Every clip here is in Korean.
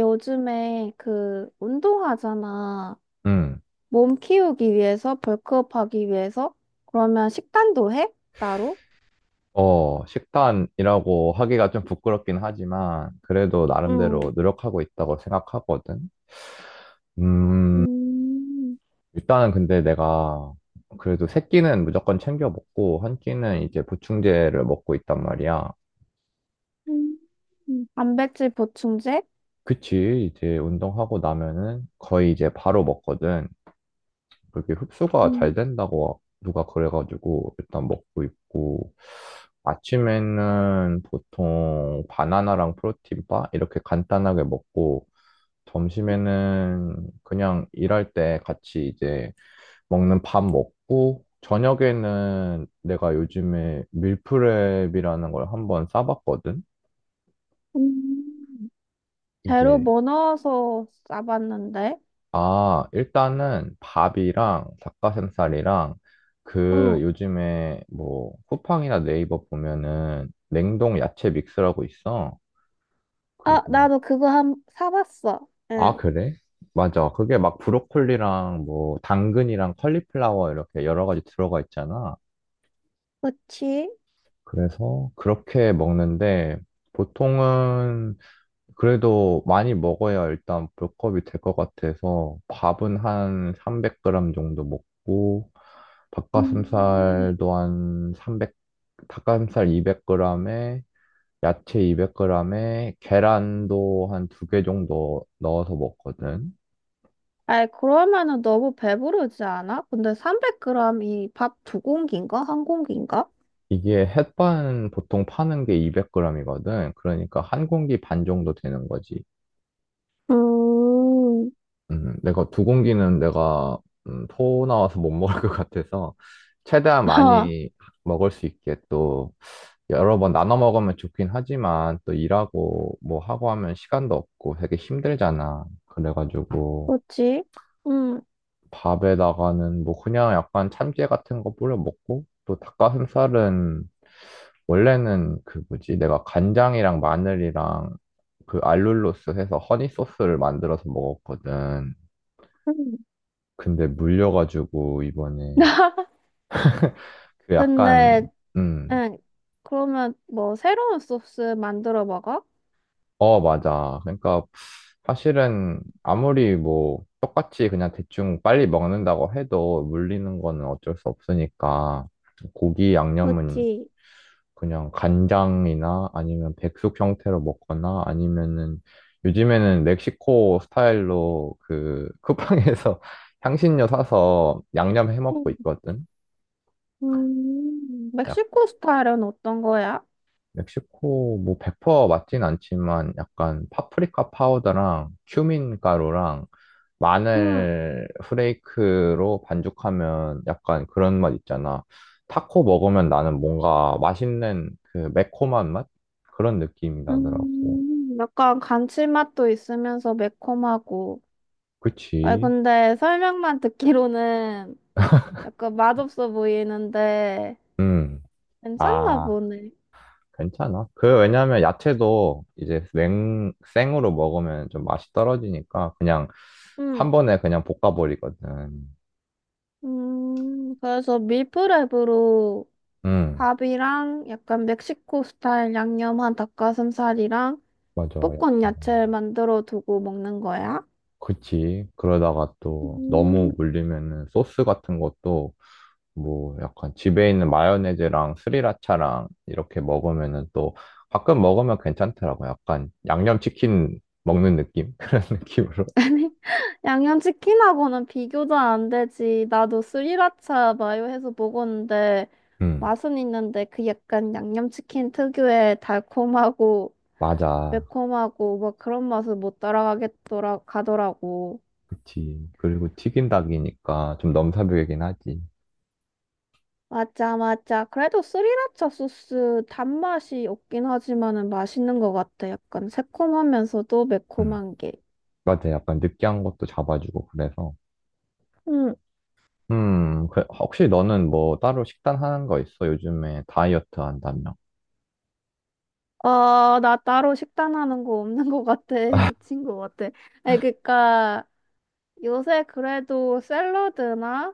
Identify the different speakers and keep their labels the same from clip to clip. Speaker 1: 요즘에 그 운동하잖아.
Speaker 2: 음,
Speaker 1: 몸 키우기 위해서, 벌크업 하기 위해서? 그러면 식단도 해? 따로?
Speaker 2: 식단이라고 하기가 좀 부끄럽긴 하지만, 그래도
Speaker 1: 응,
Speaker 2: 나름대로 노력하고 있다고 생각하거든. 음,
Speaker 1: 음,
Speaker 2: 일단은 근데 내가 그래도 세 끼는 무조건 챙겨 먹고, 한 끼는 이제 보충제를 먹고 있단 말이야.
Speaker 1: 음, 단백질 보충제?
Speaker 2: 그치, 이제 운동하고 나면은 거의 이제 바로 먹거든. 그게 흡수가 잘
Speaker 1: 음,
Speaker 2: 된다고 누가 그래가지고 일단 먹고 있고, 아침에는 보통 바나나랑 프로틴바 이렇게 간단하게 먹고, 점심에는 그냥 일할 때 같이 이제 먹는 밥 먹고, 저녁에는 내가 요즘에 밀프렙이라는 걸 한번 싸봤거든.
Speaker 1: 음, 재료
Speaker 2: 이게
Speaker 1: 뭐 넣어서 싸봤는데?
Speaker 2: 아, 일단은 밥이랑 닭가슴살이랑 그
Speaker 1: 응,
Speaker 2: 요즘에 뭐 쿠팡이나 네이버 보면은 냉동 야채 믹스라고 있어.
Speaker 1: 아,
Speaker 2: 그게
Speaker 1: 나도 그거 사봤어.
Speaker 2: 아,
Speaker 1: 응,
Speaker 2: 그래? 맞아. 그게 막 브로콜리랑 뭐 당근이랑 컬리플라워 이렇게 여러 가지 들어가 있잖아.
Speaker 1: 그치?
Speaker 2: 그래서 그렇게 먹는데, 보통은 그래도 많이 먹어야 일단 볼컵이 될 것 같아서 밥은 한 300g 정도 먹고,
Speaker 1: 음.
Speaker 2: 닭가슴살도 한 300, 닭가슴살 200g에 야채 200g에 계란도 한 두 개 정도 넣어서 먹거든.
Speaker 1: 아이, 그러면은 너무 배부르지 않아? 근데 300g이 밥 두 공기인가? 한 공기인가?
Speaker 2: 이게 햇반 보통 파는 게 200g이거든. 그러니까 한 공기 반 정도 되는 거지.
Speaker 1: 음,
Speaker 2: 내가 두 공기는 내가 토 나와서 못 먹을 것 같아서 최대한
Speaker 1: 하,
Speaker 2: 많이 먹을 수 있게, 또 여러 번 나눠 먹으면 좋긴 하지만 또 일하고 뭐 하고 하면 시간도 없고 되게 힘들잖아. 그래가지고
Speaker 1: 뭐지? 음,
Speaker 2: 밥에다가는 뭐 그냥 약간 참깨 같은 거 뿌려 먹고, 또 닭가슴살은 원래는 그 뭐지, 내가 간장이랑 마늘이랑 그 알룰로스 해서 허니 소스를 만들어서 먹었거든.
Speaker 1: 음.
Speaker 2: 근데 물려가지고 이번에 그 약간
Speaker 1: 근데,
Speaker 2: 음,
Speaker 1: 응, 그러면 뭐 새로운 소스 만들어 먹어?
Speaker 2: 맞아. 그러니까 사실은 아무리 뭐 똑같이 그냥 대충 빨리 먹는다고 해도 물리는 거는 어쩔 수 없으니까 고기 양념은
Speaker 1: 그치.
Speaker 2: 그냥 간장이나 아니면 백숙 형태로 먹거나 아니면은 요즘에는 멕시코 스타일로 그 쿠팡에서 향신료 사서 양념 해 먹고
Speaker 1: 음,
Speaker 2: 있거든.
Speaker 1: 멕시코 스타일은 어떤 거야?
Speaker 2: 멕시코 뭐 100% 맞진 않지만 약간 파프리카 파우더랑 큐민 가루랑
Speaker 1: 음,
Speaker 2: 마늘 후레이크로 반죽하면 약간 그런 맛 있잖아. 타코 먹으면 나는 뭔가 맛있는 그 매콤한 맛? 그런 느낌이 나더라고.
Speaker 1: 약간 감칠맛도 있으면서 매콤하고. 아,
Speaker 2: 그치?
Speaker 1: 근데 설명만 듣기로는 약간 맛없어 보이는데
Speaker 2: 음.
Speaker 1: 괜찮나
Speaker 2: 아,
Speaker 1: 보네.
Speaker 2: 괜찮아. 그 왜냐면 야채도 이제 생으로 먹으면 좀 맛이 떨어지니까 그냥
Speaker 1: 음,
Speaker 2: 한 번에 그냥 볶아버리거든.
Speaker 1: 그래서 밀프랩으로
Speaker 2: 음.
Speaker 1: 밥이랑 약간 멕시코 스타일 양념한 닭가슴살이랑
Speaker 2: 맞아.
Speaker 1: 볶은
Speaker 2: 야채.
Speaker 1: 야채를 만들어 두고 먹는 거야?
Speaker 2: 그치. 그러다가 또
Speaker 1: 음,
Speaker 2: 너무 물리면은 소스 같은 것도 뭐 약간 집에 있는 마요네즈랑 스리라차랑 이렇게 먹으면은 또 가끔 먹으면 괜찮더라고. 약간 양념치킨 먹는 느낌? 그런 느낌으로.
Speaker 1: 아니, 양념치킨하고는 비교도 안 되지. 나도 스리라차 마요 해서 먹었는데
Speaker 2: 응.
Speaker 1: 맛은 있는데 그 약간 양념치킨 특유의 달콤하고
Speaker 2: 맞아.
Speaker 1: 매콤하고 막 그런 맛을 못 따라가겠더라 가더라고.
Speaker 2: 그치. 그리고 튀긴 닭이니까 좀 넘사벽이긴 하지.
Speaker 1: 맞아, 맞아. 그래도 스리라차 소스 단맛이 없긴 하지만은 맛있는 것 같아. 약간 새콤하면서도
Speaker 2: 응.
Speaker 1: 매콤한 게.
Speaker 2: 맞아. 약간 느끼한 것도 잡아주고 그래서.
Speaker 1: 응.
Speaker 2: 혹시 너는 뭐 따로 식단 하는 거 있어? 요즘에 다이어트 한다며.
Speaker 1: 아, 나 따로 식단하는 거 없는 것 같아. 미친 것 같아. 아니, 그니까 요새 그래도 샐러드나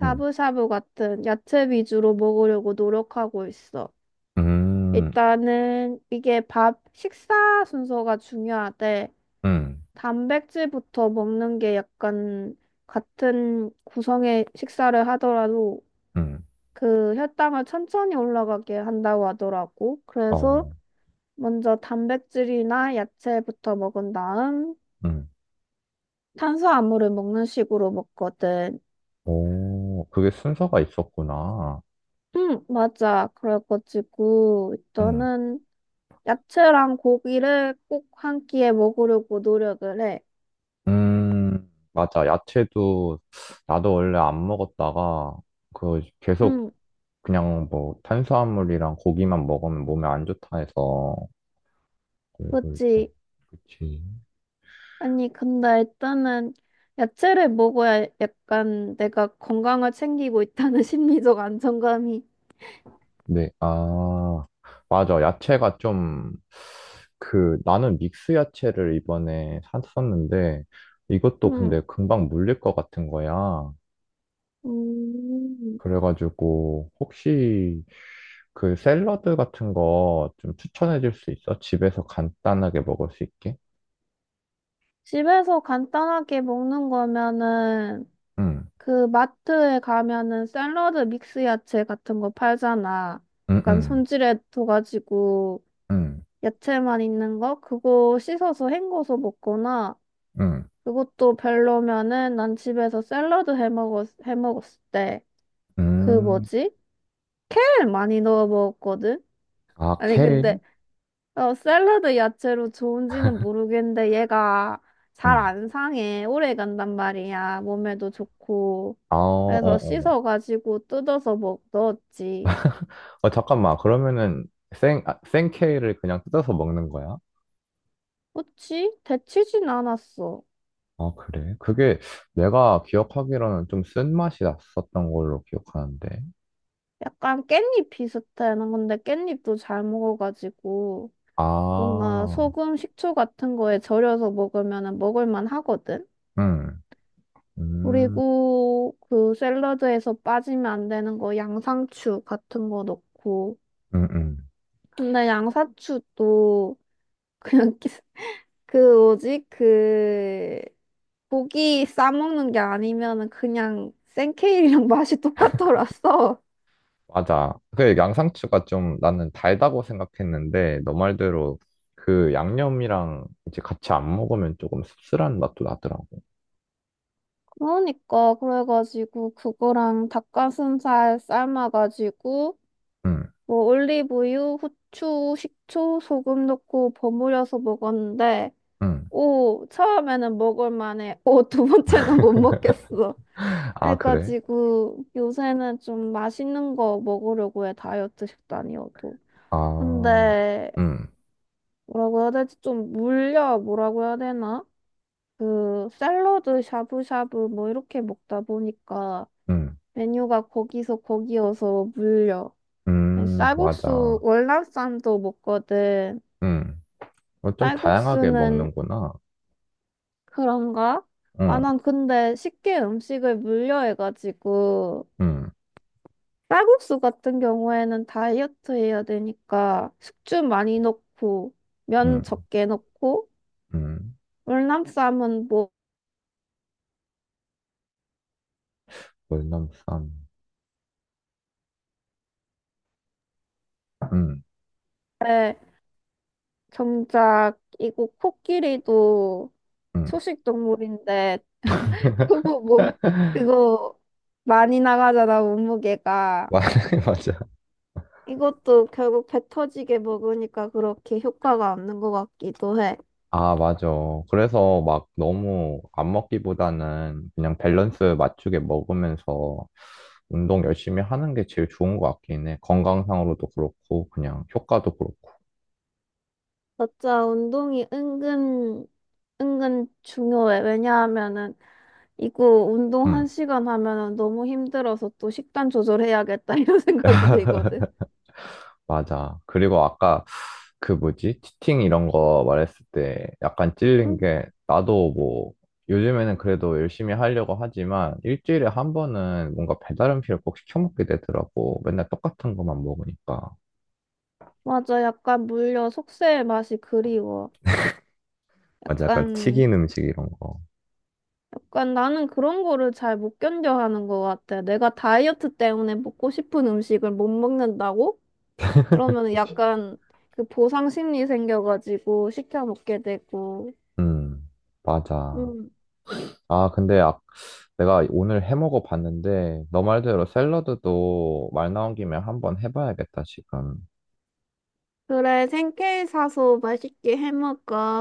Speaker 1: 샤브샤브 같은 야채 위주로 먹으려고 노력하고 있어.
Speaker 2: 음,
Speaker 1: 일단은 이게 밥, 식사 순서가 중요하대.
Speaker 2: 음,
Speaker 1: 단백질부터 먹는 게 약간 같은 구성의 식사를 하더라도
Speaker 2: 음,
Speaker 1: 그 혈당을 천천히 올라가게 한다고 하더라고. 그래서
Speaker 2: 어,
Speaker 1: 먼저 단백질이나 야채부터 먹은 다음
Speaker 2: 음,
Speaker 1: 탄수화물을 먹는 식으로 먹거든.
Speaker 2: 오, 그게 순서가 있었구나.
Speaker 1: 응, 맞아. 그래가지고
Speaker 2: 음,
Speaker 1: 일단은 야채랑 고기를 꼭 한 끼에 먹으려고 노력을 해.
Speaker 2: 맞아. 야채도 나도 원래 안 먹었다가 그 계속
Speaker 1: 응,
Speaker 2: 그냥 뭐 탄수화물이랑 고기만 먹으면 몸에 안 좋다 해서 그래서 일단
Speaker 1: 그치.
Speaker 2: 그치.
Speaker 1: 아니, 근데 일단은 야채를 먹어야 약간 내가 건강을 챙기고 있다는 심리적 안정감이.
Speaker 2: 네, 아, 맞아. 야채가 좀 그 나는 믹스 야채를 이번에 샀었는데 이것도
Speaker 1: 음,
Speaker 2: 근데 금방 물릴 것 같은 거야.
Speaker 1: 음.
Speaker 2: 그래가지고 혹시 그 샐러드 같은 거 좀 추천해 줄 수 있어? 집에서 간단하게 먹을 수 있게?
Speaker 1: 집에서 간단하게 먹는 거면은
Speaker 2: 응,
Speaker 1: 그 마트에 가면은 샐러드 믹스 야채 같은 거 팔잖아.
Speaker 2: 응,
Speaker 1: 약간
Speaker 2: 응,
Speaker 1: 손질해 둬가지고
Speaker 2: 응,
Speaker 1: 야채만 있는 거? 그거 씻어서 헹궈서 먹거나
Speaker 2: 응,
Speaker 1: 그것도 별로면은 난 집에서 샐러드 해 먹었을 때 그
Speaker 2: 응.
Speaker 1: 뭐지? 케일 많이 넣어 먹었거든?
Speaker 2: 아,
Speaker 1: 아니, 근데,
Speaker 2: 케일?
Speaker 1: 어, 샐러드 야채로 좋은지는 모르겠는데, 얘가 잘
Speaker 2: 응.
Speaker 1: 안 상해. 오래 간단 말이야. 몸에도 좋고.
Speaker 2: 아, 어,
Speaker 1: 그래서
Speaker 2: 어, 어.
Speaker 1: 씻어가지고 뜯어서 넣었지.
Speaker 2: 어, 잠깐만. 그러면은 생 케일을 그냥 뜯어서 먹는 거야?
Speaker 1: 그치? 데치진 않았어.
Speaker 2: 아, 그래? 그게 내가 기억하기로는 좀 쓴맛이 났었던 걸로 기억하는데.
Speaker 1: 약간 깻잎 비슷해. 난 근데 깻잎도 잘 먹어가지고, 뭔가
Speaker 2: 아,
Speaker 1: 소금, 식초 같은 거에 절여서 먹으면 먹을만 하거든?
Speaker 2: 응, 음,
Speaker 1: 그리고 그 샐러드에서 빠지면 안 되는 거 양상추 같은 거 넣고.
Speaker 2: 응, 응.
Speaker 1: 근데 양상추도 그냥 끼- 그 뭐지? 그 고기 싸먹는 게 아니면은 그냥 생케일이랑 맛이 똑같더라서.
Speaker 2: 맞아. 그 양상추가 좀 나는 달다고 생각했는데, 너 말대로 그 양념이랑 이제 같이 안 먹으면 조금 씁쓸한 맛도 나더라고.
Speaker 1: 그러니까 그래가지고 그거랑 닭가슴살 삶아가지고
Speaker 2: 응,
Speaker 1: 뭐 올리브유, 후추, 식초, 소금 넣고 버무려서 먹었는데
Speaker 2: 응.
Speaker 1: 오, 처음에는 먹을 만해. 오, 두 번째는 못 먹겠어.
Speaker 2: 아, 그래?
Speaker 1: 해가지고 요새는 좀 맛있는 거 먹으려고 해, 다이어트 식단이어도.
Speaker 2: 아,
Speaker 1: 근데
Speaker 2: 응,
Speaker 1: 뭐라고 해야 되지? 좀 물려, 뭐라고 해야 되나? 그 샐러드 샤브샤브 뭐 이렇게 먹다 보니까
Speaker 2: 응,
Speaker 1: 메뉴가 거기서 거기여서 물려. 아니, 쌀국수
Speaker 2: 맞아.
Speaker 1: 월남쌈도 먹거든.
Speaker 2: 응. 어, 좀 다양하게
Speaker 1: 쌀국수는
Speaker 2: 먹는구나.
Speaker 1: 그런가? 아,
Speaker 2: 응,
Speaker 1: 난 근데 쉽게 음식을 물려해가지고,
Speaker 2: 응,
Speaker 1: 쌀국수 같은 경우에는 다이어트 해야 되니까, 숙주 많이 넣고, 면
Speaker 2: 응,
Speaker 1: 적게 넣고,
Speaker 2: 응.
Speaker 1: 월남쌈은 뭐,
Speaker 2: 월남쌈. 응,
Speaker 1: 에, 정작, 이거 코끼리도
Speaker 2: 응.
Speaker 1: 초식 동물인데, 그거 몸, 그거 많이 나가잖아, 몸무게가.
Speaker 2: 맞아.
Speaker 1: 이것도 결국 배 터지게 먹으니까 그렇게 효과가 없는 것 같기도 해.
Speaker 2: 아, 맞아. 그래서 막 너무 안 먹기보다는 그냥 밸런스 맞추게 먹으면서 운동 열심히 하는 게 제일 좋은 것 같긴 해. 건강상으로도 그렇고, 그냥 효과도 그렇고.
Speaker 1: 맞아, 운동이 은근, 은근 중요해. 왜냐하면은, 이거 운동
Speaker 2: 응,
Speaker 1: 한 시간 하면은 너무 힘들어서 또 식단 조절해야겠다, 이런 생각이 들거든.
Speaker 2: 맞아. 그리고 아까 그 뭐지? 치팅 이런 거 말했을 때 약간 찔린
Speaker 1: 음.
Speaker 2: 게 나도 뭐 요즘에는 그래도 열심히 하려고 하지만 일주일에 한 번은 뭔가 배달 음식을 꼭 시켜 먹게 되더라고. 맨날 똑같은 것만 먹으니까.
Speaker 1: 맞아, 약간 물려 속세의 맛이 그리워.
Speaker 2: 맞아. 약간
Speaker 1: 약간,
Speaker 2: 튀긴 음식 이런 거.
Speaker 1: 약간 나는 그런 거를 잘 못 견뎌 하는 것 같아. 내가 다이어트 때문에 먹고 싶은 음식을 못 먹는다고? 이러면 약간 그 보상 심리 생겨가지고 시켜 먹게 되고.
Speaker 2: 음, 맞아. 아, 근데 아, 내가 오늘 해 먹어 봤는데, 너 말대로 샐러드도 말 나온 김에 한번 해봐야겠다, 지금.
Speaker 1: 그래, 생케이 사서 맛있게 해먹어.